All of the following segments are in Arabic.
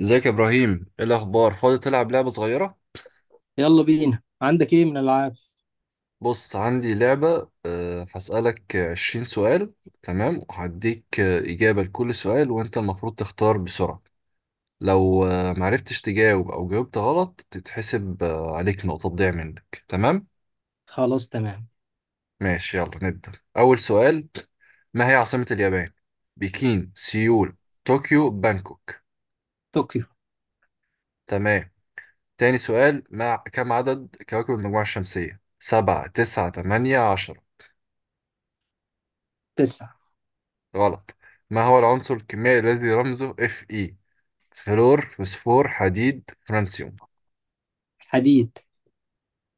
ازيك يا ابراهيم؟ ايه الاخبار؟ فاضي تلعب لعبه صغيره؟ يلا بينا، عندك ايه من العاب؟ بص، عندي لعبه. هسالك 20 سؤال. تمام، وهديك اجابه لكل سؤال، وانت المفروض تختار بسرعه. لو معرفتش تجاوب او جاوبت غلط تتحسب عليك نقطه تضيع منك، تمام؟ خلاص، تمام. ماشي، يلا نبدا اول سؤال. ما هي عاصمه اليابان؟ بكين، سيول، طوكيو، بانكوك؟ طوكيو. تمام. تاني سؤال. ما كم عدد كواكب المجموعه الشمسيه؟ سبعة، تسعة، تمانية، عشرة؟ تسعة. غلط. ما هو العنصر الكيميائي الذي رمزه اف اي؟ فلور، فوسفور، حديد، فرانسيوم؟ حديد.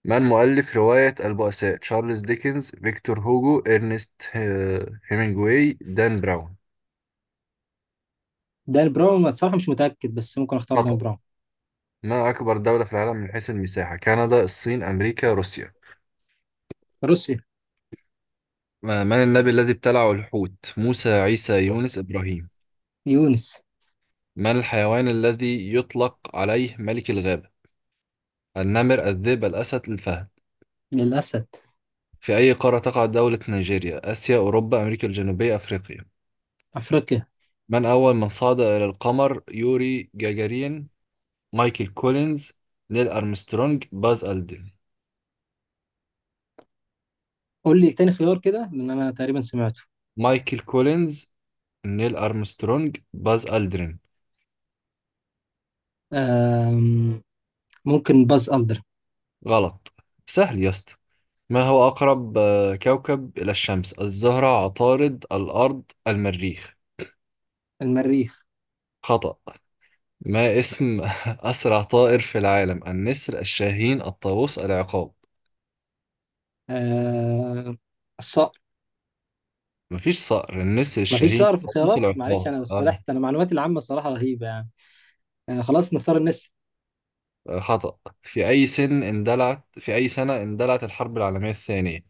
من مؤلف رواية البؤساء؟ تشارلز ديكنز، فيكتور هوجو، إرنست هيمنجواي، دان براون؟ دان براون. أنا بصراحة مش متأكد، بس ممكن اختار دان خطأ. براون. ما أكبر دولة في العالم من حيث المساحة؟ كندا، الصين، أمريكا، روسيا؟ روسيا. من النبي الذي ابتلعه الحوت؟ موسى، عيسى، يونس، إبراهيم؟ يونس. من الحيوان الذي يطلق عليه ملك الغابة؟ النمر، الذئب، الأسد، الفهد؟ للأسد. في أي قارة تقع دولة نيجيريا؟ آسيا، أوروبا، أمريكا الجنوبية، أفريقيا. أفريقيا. من أول من صعد إلى القمر؟ يوري جاجارين، مايكل كولينز، نيل أرمسترونج، باز ألدرين. قول لي تاني خيار كده، لأن أنا تقريبا سمعته. مايكل كولينز، نيل أرمسترونج، باز ألدرين. أم... ممكن باز ألدر. غلط. سهل يا اسطى. ما هو أقرب كوكب إلى الشمس؟ الزهرة، عطارد، الأرض، المريخ. المريخ. خطأ. ما اسم أسرع طائر في العالم؟ النسر، الشاهين، الطاووس، العقاب. أم... الصقر. مفيش صقر. النسر، مفيش الشاهين، صقر في قابوس، الخيارات، معلش. العقاب أنا آه. استرحت، أنا معلوماتي العامة صراحة رهيبة يعني. خلاص نختار الناس. خطأ. في أي سنة اندلعت الحرب العالمية الثانية؟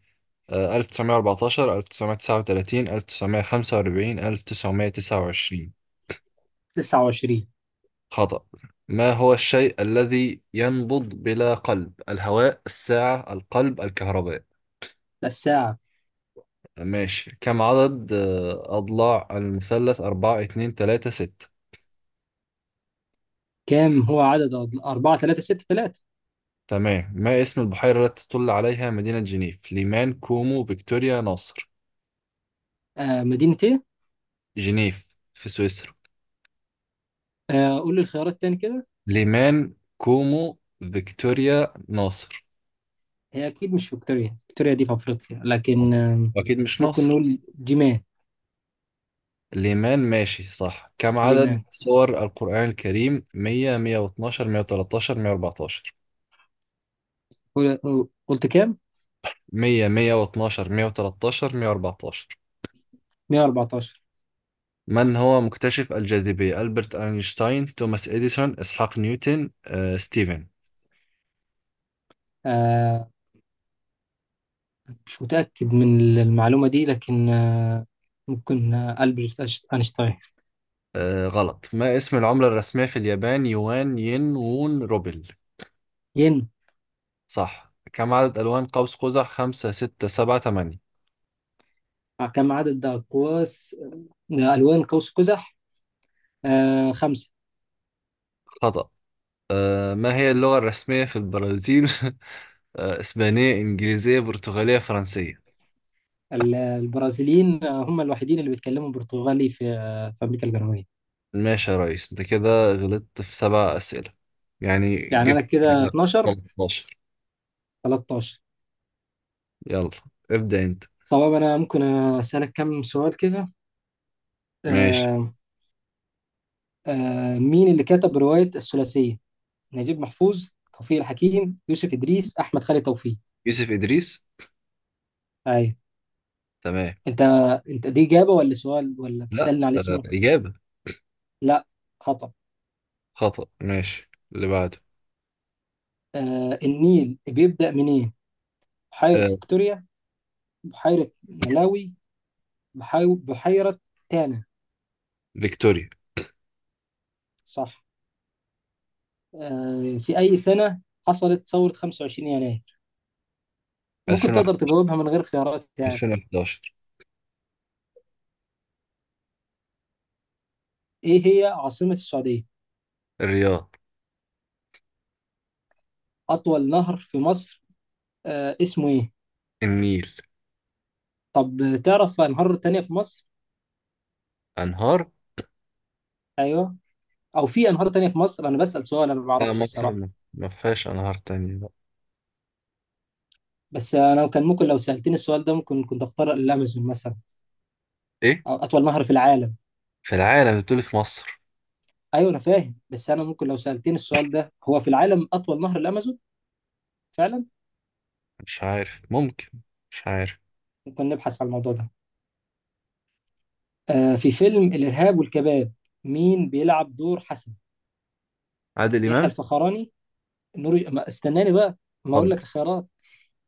1914، 1939، 1945، 1929؟ 29. خطأ. ما هو الشيء الذي ينبض بلا قلب؟ الهواء، الساعة، القلب، الكهرباء؟ الساعة. ماشي. كم عدد أضلاع المثلث؟ 4، 2، 3، 6؟ كام هو عدد؟ 4، 3، 6، 3. تمام. ما اسم البحيرة التي تطل عليها مدينة جنيف؟ ليمان، كومو، فيكتوريا، ناصر؟ مدينة. جنيف. في سويسرا. قول لي الخيارات تاني كده. ليمان، كومو، فيكتوريا، ناصر؟ هي اكيد مش فيكتوريا. فيكتوريا دي في افريقيا، لكن أكيد مش ممكن ناصر. نقول جيمان. ليمان. ماشي، صح. كم عدد ليمان. سور القرآن الكريم؟ 100، 112، 113، 114؟ قلت كام؟ 100، 112، 113، 114؟ 114. من هو مكتشف الجاذبية؟ ألبرت أينشتاين، توماس إديسون، إسحاق نيوتن، ستيفن؟ آه، مش متأكد من المعلومة دي، لكن ممكن ألبرت أينشتاين. غلط. ما اسم العملة الرسمية في اليابان؟ يوان، ين، وون، روبل؟ ين. صح. كم عدد ألوان قوس قزح؟ خمسة، ستة، سبعة، تمانية؟ آه، كم عدد أقواس ألوان قوس قزح؟ خمسة. خطأ. ما هي اللغة الرسمية في البرازيل؟ إسبانية، إنجليزية، برتغالية، فرنسية؟ البرازيليين هم الوحيدين اللي بيتكلموا برتغالي في أمريكا الجنوبية. ماشي يا ريس، أنت كده غلطت في سبع أسئلة. يعني يعني أنا جبت كده كده. 12. 13. 13. يلا. ابدأ أنت. طبعا أنا ممكن أسألك كم سؤال كده. ماشي. آه مين اللي كتب رواية الثلاثية؟ نجيب محفوظ، توفيق الحكيم، يوسف إدريس، أحمد خالد توفيق. يوسف إدريس. أيوة. تمام. أنت أنت دي إجابة، ولا سؤال، ولا لا. بتسألني على اسمه؟ إجابة. لا، خطأ. خطأ. ماشي، اللي بعده. النيل بيبدأ منين؟ بحيرة آه فيكتوريا، بحيرة ملاوي، بحيرة تانا. فيكتوريا. صح. في أي سنة حصلت ثورة 25 يناير؟ ممكن 2001. تقدر تجاوبها من غير خيارات يعني. 2011. إيه هي عاصمة السعودية؟ الرياض. أطول نهر في مصر اسمه إيه؟ النيل. طب تعرف أنهار تانية في مصر؟ أنهار؟ أيوه، أو في أنهار تانية في مصر؟ أنا بسأل سؤال، أنا ما لا، بعرفش مصر الصراحة. ما فيهاش أنهار تانية بقى. بس أنا كان ممكن لو سألتني السؤال ده، ممكن كنت أختار الأمازون مثلا، إيه؟ أو أطول نهر في العالم. في العالم؟ بتقول في مصر؟ أيوه أنا فاهم، بس أنا ممكن لو سألتني السؤال ده هو في العالم أطول نهر الأمازون؟ فعلا. مش عارف، ممكن. مش عارف. ممكن نبحث عن الموضوع ده. في فيلم الإرهاب والكباب، مين بيلعب دور حسن؟ عادل يحيى إمام. الفخراني. نور، ما استناني بقى، ما أقول اتفضل. لك الخيارات.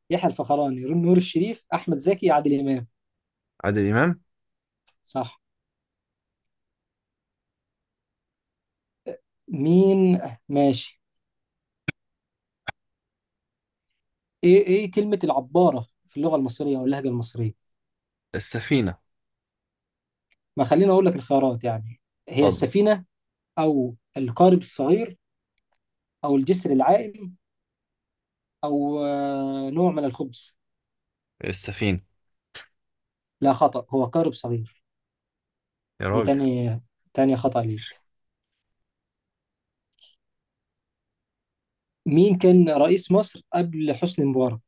يحيى الفخراني، نور الشريف، أحمد زكي، عادل إمام. عادل إمام. صح. مين. ماشي. ايه ايه كلمة العبارة في اللغة المصرية او اللهجة المصرية؟ السفينة. ما خليني اقول لك الخيارات يعني. هي اتفضل. السفينة، او القارب الصغير، او الجسر العائم، او نوع من الخبز. السفينة. لا، خطأ، هو قارب صغير. يا دي راجل. تاني. تاني خطأ ليك. مين كان رئيس مصر قبل حسني مبارك؟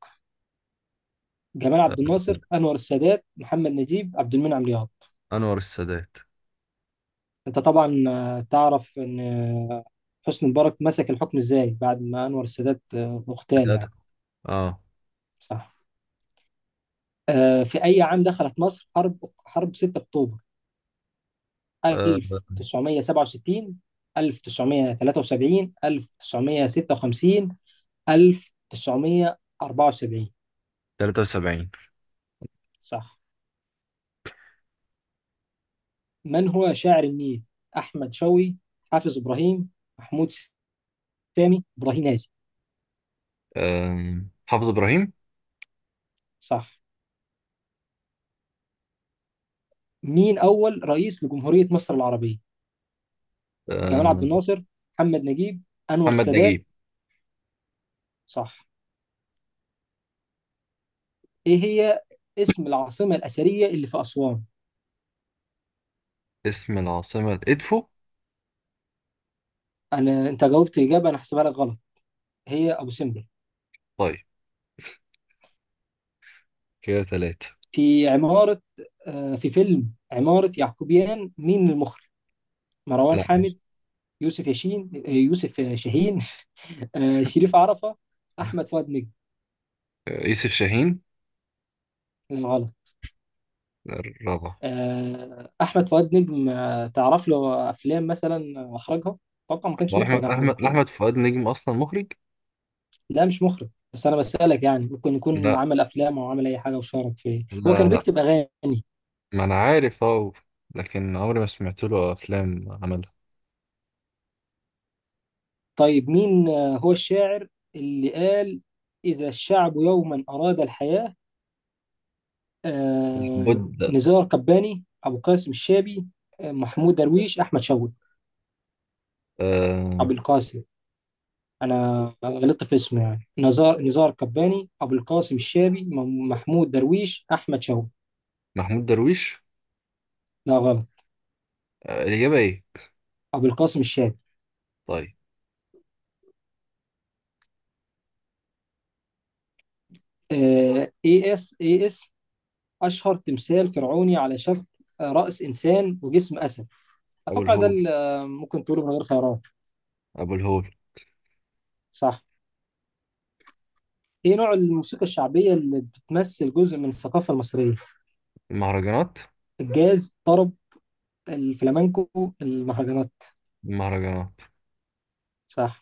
جمال آه، عبد الناصر، انور السادات، محمد نجيب، عبد المنعم لياقوت. أنور السادات. انت طبعا تعرف ان حسني مبارك مسك الحكم ازاي بعد ما انور السادات اغتال الأدب. يعني. آه. صح. في اي عام دخلت مصر حرب 6 اكتوبر؟ آه، 1967، 1973، 1956، 1974. 73. صح. من هو شاعر النيل؟ احمد شوقي، حافظ ابراهيم، محمود سامي ابراهيم، ناجي. حافظ إبراهيم. صح. مين اول رئيس لجمهورية مصر العربية؟ جمال عبد آه، الناصر، محمد نجيب، انور محمد السادات. نجيب. صح. ايه هي اسم العاصمه الاثريه اللي في اسوان؟ اسم العاصمة إدفو. انا انت جاوبت اجابه، انا هحسبها لك غلط. هي ابو سمبل. طيب. كده ثلاثة. في عماره. في فيلم عماره يعقوبيان مين المخرج؟ مروان لا. حامد، يوسف ياشين يوسف شاهين، شريف عرفه، احمد فؤاد نجم. يوسف شاهين. لا، غلط. الرابع. احمد فؤاد نجم تعرف له افلام مثلا واخرجها؟ اتوقع ما هو كانش احمد مخرج احمد. احمد احمد فؤاد نجم اصلا مخرج؟ لا مش مخرج، بس انا بسألك يعني ممكن يكون لا، عمل افلام او عمل اي حاجه وشارك في إيه؟ هو لا، كان لا. بيكتب اغاني. ما انا عارف، اه. لكن عمري ما سمعت له افلام عملها. طيب، مين هو الشاعر اللي قال اذا الشعب يوما اراد الحياه؟ آه، بود. نزار قباني، ابو قاسم الشابي، محمود درويش، احمد شوقي. آه ابو القاسم. انا غلطت في اسمه يعني. نزار قباني، ابو القاسم الشابي، محمود درويش، احمد شوقي. محمود درويش. لا، غلط. الاجابه ايه؟ ابو القاسم الشابي. طيب. ايه اس ايه. أشهر تمثال فرعوني على شكل رأس إنسان وجسم أسد، ابو أتوقع ده الهول. اللي ممكن تقوله من غير خيارات. ابو الهول. صح. إيه نوع الموسيقى الشعبية اللي بتمثل جزء من الثقافة المصرية؟ المهرجانات. الجاز، طرب، الفلامنكو، المهرجانات. المهرجانات. صح.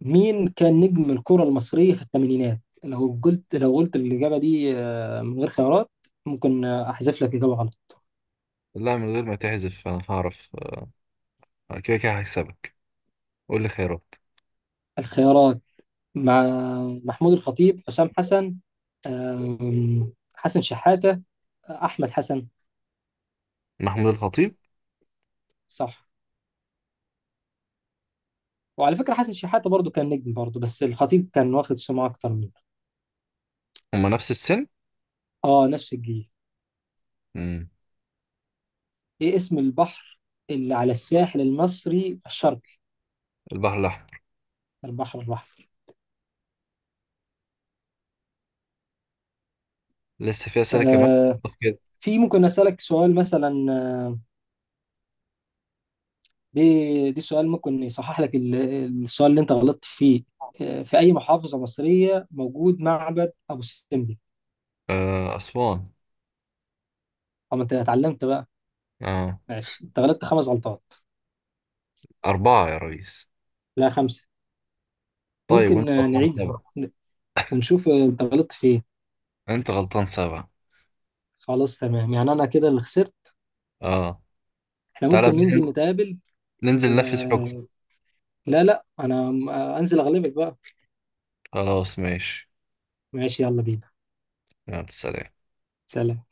مين كان نجم الكرة المصرية في الثمانينات؟ لو قلت الإجابة دي من غير خيارات، ممكن أحذف لك إجابة غلط. لا، من غير ما تحذف انا هعرف. كده كده هكسبك. قول لي خيارات. الخيارات، مع محمود الخطيب، حسام حسن، حسن شحاتة، أحمد حسن. محمود الخطيب. صح. وعلى فكرة حسن شحاتة برضو كان نجم برضو، بس الخطيب كان واخد سمعة أكتر منه. هما نفس السن. آه، نفس الجيل. مم. إيه اسم البحر اللي على الساحل المصري الشرقي؟ البحر الاحمر. البحر الأحمر. لسه في اسئله كمان؟ آه. بس كده. في ممكن أسألك سؤال مثلا، دي سؤال ممكن يصحح لك السؤال اللي أنت غلطت فيه. في أي محافظة مصرية موجود معبد أبو سمبل؟ اسوان. أو ما أنت اتعلمت بقى. اه. ماشي، أنت غلطت خمس غلطات. اربعه يا ريس. لا، خمسة. طيب، وانت ممكن غلطان نعيد سبعة. ونشوف أنت غلطت فين. انت غلطان سبعة. خلاص، تمام، يعني انا كده اللي خسرت. اه. احنا تعالى ممكن بقى ننزل ننزل. نتقابل. ننزل و... ننفذ حكم. لا، لا، انا انزل اغلبك بقى. خلاص، ماشي. ماشي يلا بينا. يلا، سلام. سلام.